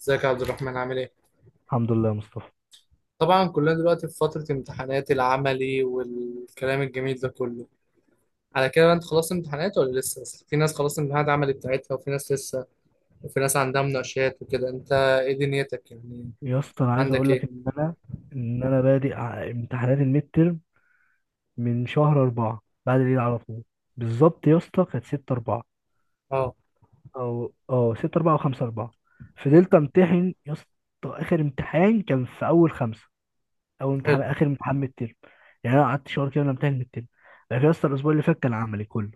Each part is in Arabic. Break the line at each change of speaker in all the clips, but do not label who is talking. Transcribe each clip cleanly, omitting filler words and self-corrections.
ازيك يا عبد الرحمن، عامل ايه؟
الحمد لله يا مصطفى.
طبعا كلنا دلوقتي في فترة امتحانات العملي والكلام الجميل ده كله. على كده بقى انت خلصت امتحانات ولا لسه؟ بس في ناس خلصت امتحانات العملي بتاعتها وفي ناس لسه، وفي ناس عندها مناقشات وكده. انت ايه دنيتك يعني،
يا اسطى، انا عايز
عندك
اقول لك
ايه؟
ان انا بادئ امتحانات الميد ترم من شهر أربعة بعد العيد على طول. بالظبط يا اسطى كانت 6 4
اه.
او 6 4 او 5 4.
مم.
فضلت امتحن يا اسطى. اخر امتحان كان في اول خمسة. اول امتحان
حلو.
اخر امتحان ميد ترم. يعني انا قعدت شهر كده انا امتحن ميد ترم. لكن يا اسطى الاسبوع اللي فات كان عملي كله.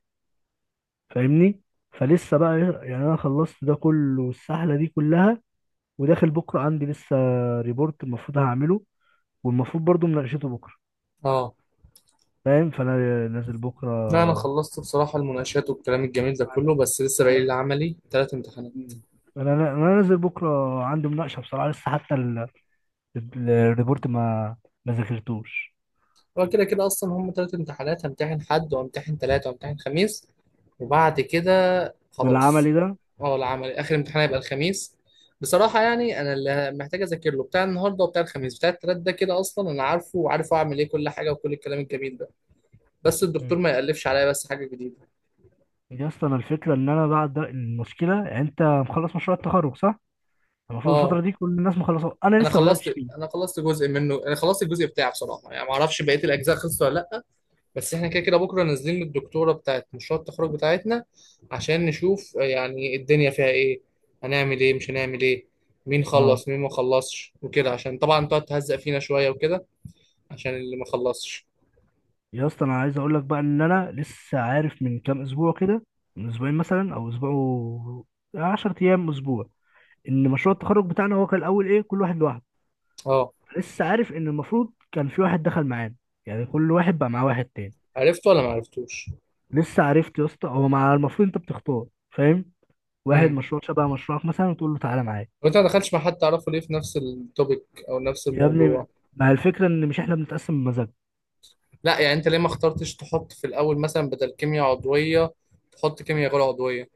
فاهمني؟ فلسه بقى، يعني انا خلصت ده كله والسحله دي كلها، وداخل بكره عندي لسه ريبورت المفروض هعمله، والمفروض برضو مناقشته بكره.
اه،
فاهم؟ فانا نازل بكره.
لا انا خلصت بصراحة المناقشات والكلام الجميل ده
انا
كله، بس لسه باقي لي
انا
العملي ثلاث امتحانات.
انا أنا نازل بكره، عندي مناقشه بصراحه لسه. حتى الريبورت ما ذاكرتوش
هو كده كده اصلا هم ثلاث امتحانات، همتحن حد وامتحن ثلاثة وامتحن خميس، وبعد كده خلاص.
بالعملي ده.
اه، العملي اخر امتحان هيبقى الخميس. بصراحة يعني انا اللي محتاج اذاكر له بتاع النهارده وبتاع الخميس بتاع التلات ده، كده اصلا انا عارفه وعارف اعمل ايه كل حاجة وكل الكلام الجميل ده، بس الدكتور
مم.
ما يألفش عليا بس حاجة جديدة.
يا اسطى انا الفكره ان انا بعد المشكله، يعني انت مخلص مشروع التخرج، صح؟ المفروض
اه.
الفتره دي كل الناس مخلصه، انا
انا
لسه ما بداتش
خلصت.
فيه.
انا خلصت جزء منه، انا خلصت الجزء بتاعه بصراحة، يعني ما اعرفش بقية الاجزاء خلصت ولا لا. بس احنا كده كده بكره نازلين للدكتوره بتاعت مشروع التخرج بتاعتنا عشان نشوف يعني الدنيا فيها ايه، هنعمل ايه مش هنعمل ايه، مين
اه.
خلص مين ما خلصش وكده، عشان طبعا تقعد تهزق فينا شويه وكده، عشان اللي ما خلصش.
يا اسطى انا عايز اقول لك بقى ان انا لسه عارف من كام اسبوع كده، من اسبوعين مثلا او اسبوع 10 ايام اسبوع، ان مشروع التخرج بتاعنا هو كان الاول ايه؟ كل واحد لوحده.
اه.
لسه عارف ان المفروض كان في واحد دخل معانا، يعني كل واحد بقى معاه واحد تاني.
عرفته ولا ما عرفتوش؟
لسه عرفت يا اسطى. هو مع المفروض انت بتختار، فاهم، واحد
امم.
مشروع شبه مشروعك مثلا، وتقول له تعالى معايا.
وانت ما دخلتش مع حد تعرفه ليه في نفس التوبيك او نفس
يا
الموضوع؟
ابني، مع الفكره ان مش احنا بنتقسم بمزاج.
لا يعني انت ليه ما اخترتش تحط في الاول مثلا، بدل كيمياء عضويه تحط كيمياء غير عضويه؟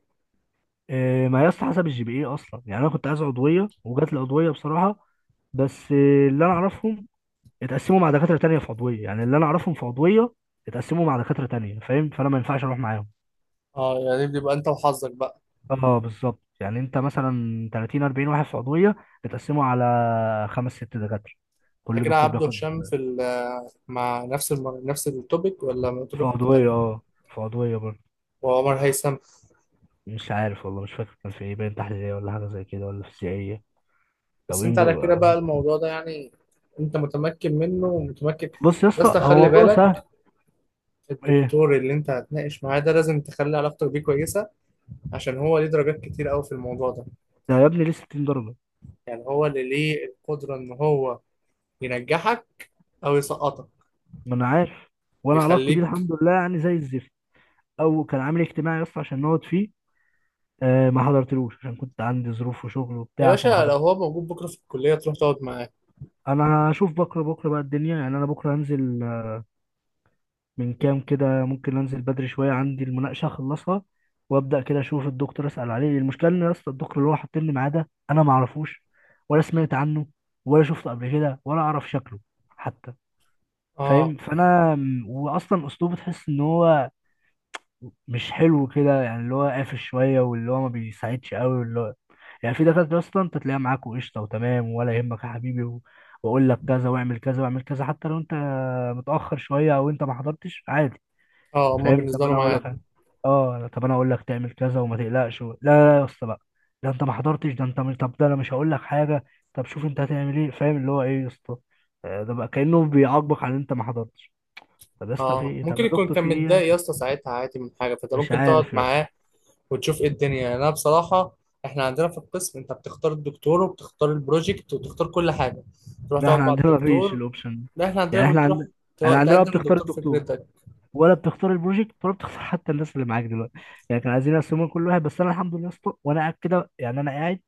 إيه ما يا اسطى حسب الجي بي اي اصلا، يعني انا كنت عايز عضويه وجات لي عضويه بصراحه. بس إيه، اللي انا اعرفهم اتقسموا مع دكاتره تانيه في عضويه، يعني اللي انا اعرفهم في عضويه اتقسموا مع دكاتره تانيه. فاهم؟ فانا ما ينفعش اروح معاهم.
اه، يعني دي بيبقى انت وحظك بقى.
اه بالظبط، يعني انت مثلا 30 40 واحد في عضويه، بتقسمه على خمس ست دكاتره،
على
كل
كده
دكتور
عبده
بياخد.
هشام في مع نفس نفس التوبيك ولا
في
توبيك مختلف؟
عضويه، اه، في عضويه برضه.
وعمر هيثم؟
مش عارف والله، مش فاكر كان في ايه، باين تحليليه ولا حاجه زي كده ولا فيزيائيه، او
بس انت على
انجو.
كده
آه.
بقى الموضوع ده يعني، انت متمكن منه ومتمكن.
بص يا
بس
اسطى، هو
خلي
موضوع سهل.
بالك،
ايه
الدكتور اللي انت هتناقش معاه ده لازم تخلي علاقتك بيه كويسة، عشان هو ليه درجات كتير قوي في الموضوع ده،
ده يا ابني، ليه 60 درجه؟
يعني هو اللي ليه القدرة ان هو ينجحك او يسقطك.
ما انا عارف. وانا علاقتي بيه
يخليك.
الحمد لله يعني زي الزفت. او كان عامل اجتماعي يا اسطى عشان نقعد فيه. آه، ما حضرتلوش عشان كنت عندي ظروف وشغل
يا
وبتاع، فما
باشا لو
حضرت.
هو موجود بكرة في الكلية تروح تقعد معاه.
انا هشوف بكره. بكره بقى الدنيا، يعني انا بكره هنزل من كام كده، ممكن انزل بدري شويه، عندي المناقشه اخلصها، وابدا كده اشوف الدكتور، اسال عليه. المشكله ان يا اسطى الدكتور اللي هو حاطين لي معاه ده، انا ما اعرفوش ولا سمعت عنه ولا شفته قبل كده ولا اعرف شكله حتى.
اه.
فاهم؟ فانا واصلا اسلوبه تحس ان هو مش حلو كده، يعني اللي هو قافش شويه، واللي هو ما بيساعدش قوي، واللي هو يعني. في دكاتره اصلا انت تلاقيها معاك وقشطه وتمام، ولا يهمك يا حبيبي واقول لك كذا، واعمل كذا، واعمل كذا، حتى لو انت متاخر شويه او انت ما حضرتش عادي،
اه، هما
فاهم؟
بالنسبة
طب
له
انا اقول
معاد.
لك، اه طب انا اقول لك تعمل كذا وما تقلقش لا لا يا اسطى بقى، ده انت ما حضرتش، ده انت مش، طب ده انا مش هقول لك حاجه، طب شوف انت هتعمل ايه، فاهم اللي هو ايه يا اسطى. ده بقى كانه بيعاقبك على ان انت ما حضرتش. طب يا اسطى في
اه،
ايه، طب
ممكن
يا
يكون
دكتور
كان
في ايه
متضايق
يعني؟
يا اسطى ساعتها عادي من حاجه، فانت
مش
ممكن تقعد
عارف يا اسطى.
معاه وتشوف ايه الدنيا. يعني انا بصراحه، احنا عندنا في القسم انت بتختار الدكتور وبتختار البروجكت وبتختار كل حاجه، تروح
لا احنا
تقعد مع
عندنا ما فيش
الدكتور.
الاوبشن ده.
لا احنا عندنا
يعني احنا
بتروح،
عندنا، انا عندنا بقى
تقدم
بتختار
للدكتور
الدكتور
فكرتك.
ولا بتختار البروجكت ولا بتختار حتى الناس اللي معاك دلوقتي. يعني كانوا عايزين يقسموا كل واحد. بس انا الحمد لله يا اسطى، وانا قاعد كده يعني انا قاعد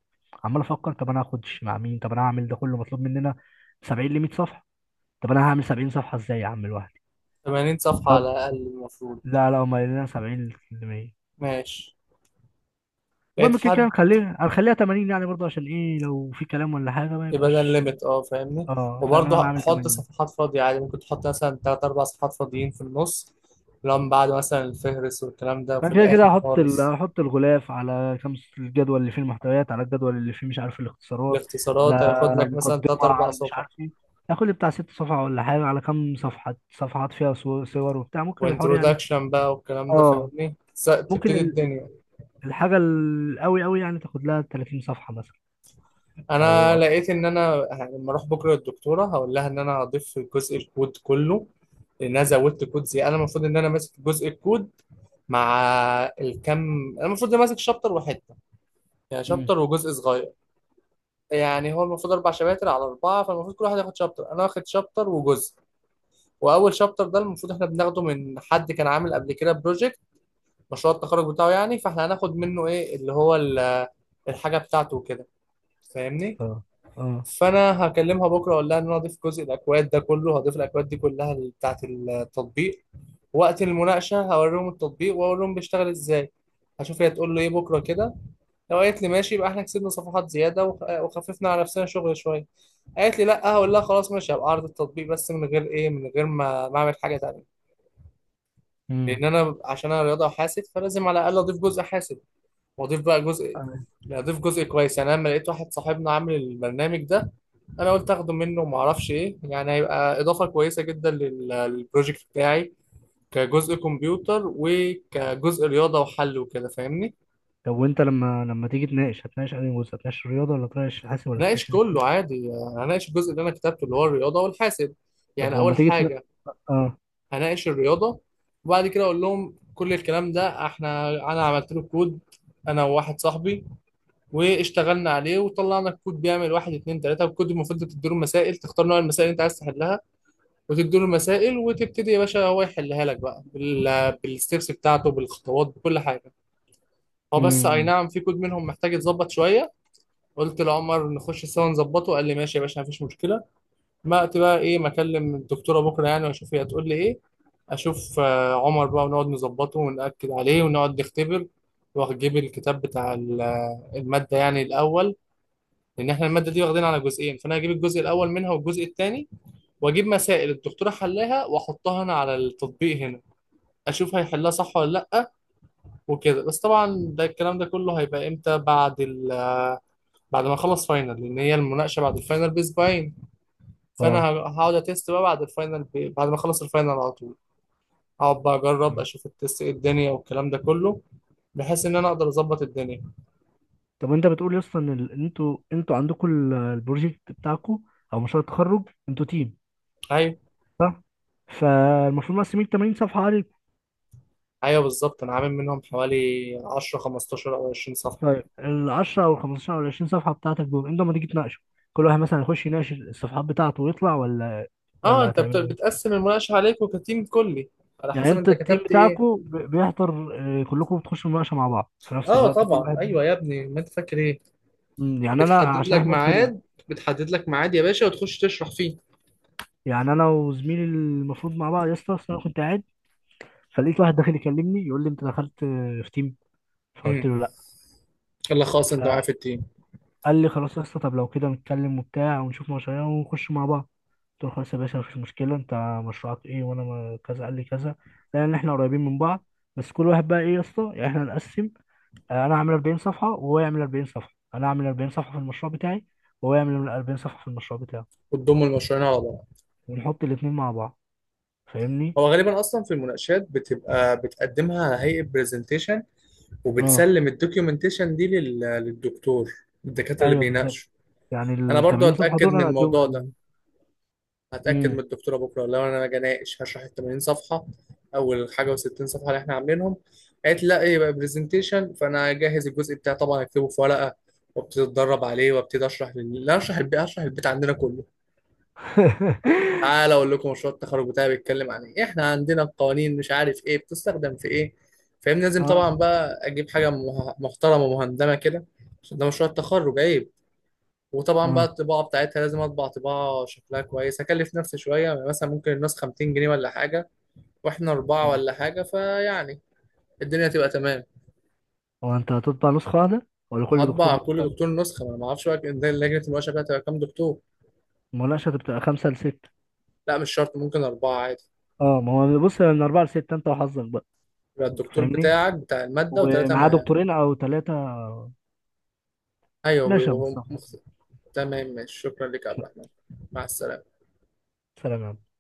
عمال افكر، طب انا هاخد مع مين، طب انا هعمل ده كله، مطلوب مننا 70 ل 100 صفحه. طب انا هعمل 70 صفحه ازاي يا عم لوحدي؟
80 صفحه على
طب
الاقل المفروض.
لا لا، هم قايلين لنا 70 ل 100.
ماشي.
المهم
لقيت
كده كده
حد؟
هنخليها 80 يعني برضه، عشان ايه، لو في كلام ولا حاجه ما
يبقى ده
يبقاش.
الليميت، اه فاهمني.
اه فاهم، إن انا
وبرضه
عامل
حط
80.
صفحات فاضيه عادي، ممكن تحط مثلا تلات اربع صفحات فاضيين في النص، لو من بعد مثلا الفهرس والكلام ده في
انا كده كده
الاخر
هحط
خالص.
هحط الغلاف على خمس، الجدول اللي فيه المحتويات، على الجدول اللي فيه مش عارف الاختصارات، على
الاختصارات هياخد لك مثلا تلات
مقدمة،
أربع
على مش
صفح،
عارف ايه، هاخد لي بتاع ست صفحة ولا حاجة. على كام صفحة صفحات فيها صور صور وبتاع، ممكن الحوار يعني.
وانترودكشن بقى والكلام ده.
اه
فاهمني؟
ممكن
تبتدي الدنيا.
الحاجة القوي قوي يعني تاخد لها 30 صفحة مثلا، او
أنا
اكتر.
لقيت إن أنا لما أروح بكرة للدكتورة هقول لها إن أنا هضيف جزء الكود كله، لأن أنا زودت كود. زي أنا المفروض إن أنا ماسك جزء الكود مع الكم. أنا المفروض إن ماسك شابتر وحتة، يعني
امم.
شابتر وجزء صغير. يعني هو المفروض أربع شباتر على أربعة، فالمفروض كل واحد ياخد شابتر، أنا واخد شابتر وجزء. وأول شابتر ده المفروض إحنا بناخده من حد كان عامل قبل كده بروجكت، مشروع التخرج بتاعه يعني، فاحنا هناخد منه ايه اللي هو الحاجه بتاعته وكده. فاهمني؟
اه. اه.
فانا هكلمها بكره اقول لها ان انا هضيف جزء الاكواد ده كله، هضيف الاكواد دي كلها بتاعه التطبيق. وقت المناقشه هوريهم التطبيق واقول لهم بيشتغل ازاي. هشوف هي تقول له ايه بكره كده. لو قالت لي ماشي يبقى احنا كسبنا صفحات زياده وخففنا على نفسنا شغل شويه. قالت لي لا، هقول لها خلاص ماشي، هبقى اعرض التطبيق بس من غير ايه، من غير ما اعمل حاجه تانيه.
امم.
لان انا عشان انا رياضه وحاسب، فلازم على الاقل اضيف جزء حاسب واضيف بقى جزء.
تمام.
لا، اضيف جزء كويس، يعني انا لما لقيت واحد صاحبنا عامل البرنامج ده، انا قلت اخده منه وما اعرفش ايه، يعني هيبقى اضافه كويسه جدا للبروجكت بتاعي، كجزء كمبيوتر وكجزء رياضه وحل وكده. فاهمني؟
طب وانت لما تيجي تناقش، هتناقش انهي جزء، هتناقش الرياضة ولا تناقش الحاسب ولا
هناقش
تناقش الاثنين؟
كله عادي، هناقش الجزء اللي انا كتبته اللي هو الرياضه والحاسب،
طب
يعني
ولما
اول
تيجي تناقش.
حاجه
اه.
هناقش الرياضه، وبعد كده اقول لهم كل الكلام ده. احنا انا عملت له كود، انا وواحد صاحبي، واشتغلنا عليه وطلعنا الكود بيعمل واحد اتنين تلاته. الكود المفروض تديله مسائل، تختار نوع المسائل اللي انت عايز تحلها، وتديله المسائل وتبتدي يا باشا هو يحلها لك بقى بالستبس بتاعته، بالخطوات بكل حاجه. هو بس اي
امم.
نعم في كود منهم محتاج يتظبط شويه، قلت لعمر نخش سوا نظبطه، قال لي ماشي يا باشا مفيش مشكله. ما وقت بقى ايه، ما اكلم الدكتوره بكره يعني واشوف هي هتقول لي ايه، اشوف عمر بقى، ونقعد نظبطه ونأكد عليه ونقعد نختبر، واجيب الكتاب بتاع الماده يعني الاول. لان احنا الماده دي واخدينها على جزئين، فانا هجيب الجزء الاول منها والجزء الثاني، واجيب مسائل الدكتوره حلاها واحطها انا على التطبيق هنا، اشوف هيحلها صح ولا لا وكده. بس طبعا ده الكلام ده كله هيبقى امتى؟ بعد ال، بعد ما اخلص فاينل، لان هي المناقشه بعد الفاينل باسبوعين، فانا
اه.
هقعد اتست بقى بعد الفاينل بعد ما اخلص الفاينل على طول. هقعد بقى اجرب
مم.
اشوف التست ايه الدنيا والكلام ده كله، بحيث ان انا اقدر اظبط الدنيا.
طب وانت بتقول يا اسطى ان ان انتوا عندكم البروجكت بتاعكم، او مشروع التخرج، انتوا تيم
ايوه.
صح؟ فالمفروض مقسمين 80 صفحه عليكم.
ايوه بالظبط، انا عامل منهم حوالي 10 15 او 20 صفحه.
طيب ال 10 او ال 15 او ال 20 صفحه بتاعتك دول، انتوا لما تيجي تناقشوا، كل واحد مثلا يخش يناقش الصفحات بتاعته ويطلع، ولا
اه،
ولا
انت
هتعملوا ايه؟
بتقسم المناقشه عليكم كتيم كلي، على
يعني
حسب
انت
انت
التيم
كتبت ايه.
بتاعكم بيحضر، كلكم بتخشوا مناقشه مع بعض في نفس
اه
الوقت كل
طبعا،
واحد؟
ايوه يا ابني ما انت فاكر ايه،
يعني انا
بتحدد
عشان
لك
احنا اتنين،
ميعاد، بتحدد لك ميعاد يا باشا وتخش تشرح فيه.
يعني انا وزميلي المفروض مع بعض يا اسطى. أصل انا كنت قاعد، فلقيت واحد داخل يكلمني يقول لي، انت دخلت في تيم؟ فقلت
امم.
له لا.
يلا خلاص انت معايا في
فقال
التيم.
لي خلاص يا اسطى، طب لو كده نتكلم وبتاع، ونشوف مشاريع ونخش مع بعض. قلت له خلاص يا باشا مفيش مشكله، انت مشروعك ايه، وانا كذا قال لي كذا، لان احنا قريبين من بعض. بس كل واحد بقى ايه يا اسطى، يعني احنا نقسم، انا اعمل 40 صفحه وهو يعمل 40 صفحه، انا اعمل 40 صفحه في المشروع بتاعي، وهو يعمل 40 صفحه في المشروع بتاعه،
وتضم المشروعين على بعض.
ونحط الاثنين مع بعض. فاهمني؟
هو غالبا اصلا في المناقشات بتبقى بتقدمها على هيئه برزنتيشن،
اه
وبتسلم الدوكيومنتيشن دي للدكتور، الدكاتره اللي
ايوه بالظبط،
بيناقشوا.
يعني
انا
ال
برضو
80 صفحه
هتاكد
دول
من
انا اديهم
الموضوع ده،
لل.
هتأكد من
امم.
الدكتورة بكرة لو أنا أجي أناقش هشرح ال 80 صفحة أول حاجة، و60 صفحة اللي إحنا عاملينهم. قالت لي لا إيه يبقى برزنتيشن، فأنا أجهز الجزء بتاعي طبعا، أكتبه في ورقة وابتدي أتدرب عليه، وابتدي أشرح لا، أشرح البيت، أشرح البيت عندنا كله. تعالى أقول لكم مشروع التخرج بتاعي بيتكلم عن إيه، إحنا عندنا القوانين مش عارف إيه بتستخدم في إيه. فاهم؟ لازم
اه
طبعا بقى أجيب حاجة محترمة مهندمة كده، عشان ده مشروع التخرج أيوه. وطبعا بقى
اه.
الطباعه بتاعتها لازم اطبع طباعه شكلها كويس، هكلف نفسي شويه، يعني مثلا ممكن النسخه 200 جنيه ولا حاجه، واحنا اربعه ولا حاجه، فيعني الدنيا تبقى تمام.
هو انت هتطبع نسخة واحدة ولا كل دكتور
هطبع كل
نسخة؟
دكتور نسخه، ما انا ما اعرفش بقى إن ده لجنه المناقشه بقى تبقى كام دكتور.
المناقشة بتبقى خمسة لستة.
لا مش شرط، ممكن اربعه عادي،
اه ما هو بص، من أربعة لستة أنت وحظك بقى.
يبقى
أنت
الدكتور
فاهمني؟
بتاعك بتاع الماده وثلاثه
ومعاه
معاه.
دكتورين أو ثلاثة.
ايوه
ماشي يا
بيبقوا هم
مصطفى.
تمام ماشي، شكرا لك يا عبد الرحمن، مع السلامه.
سلام يا عم.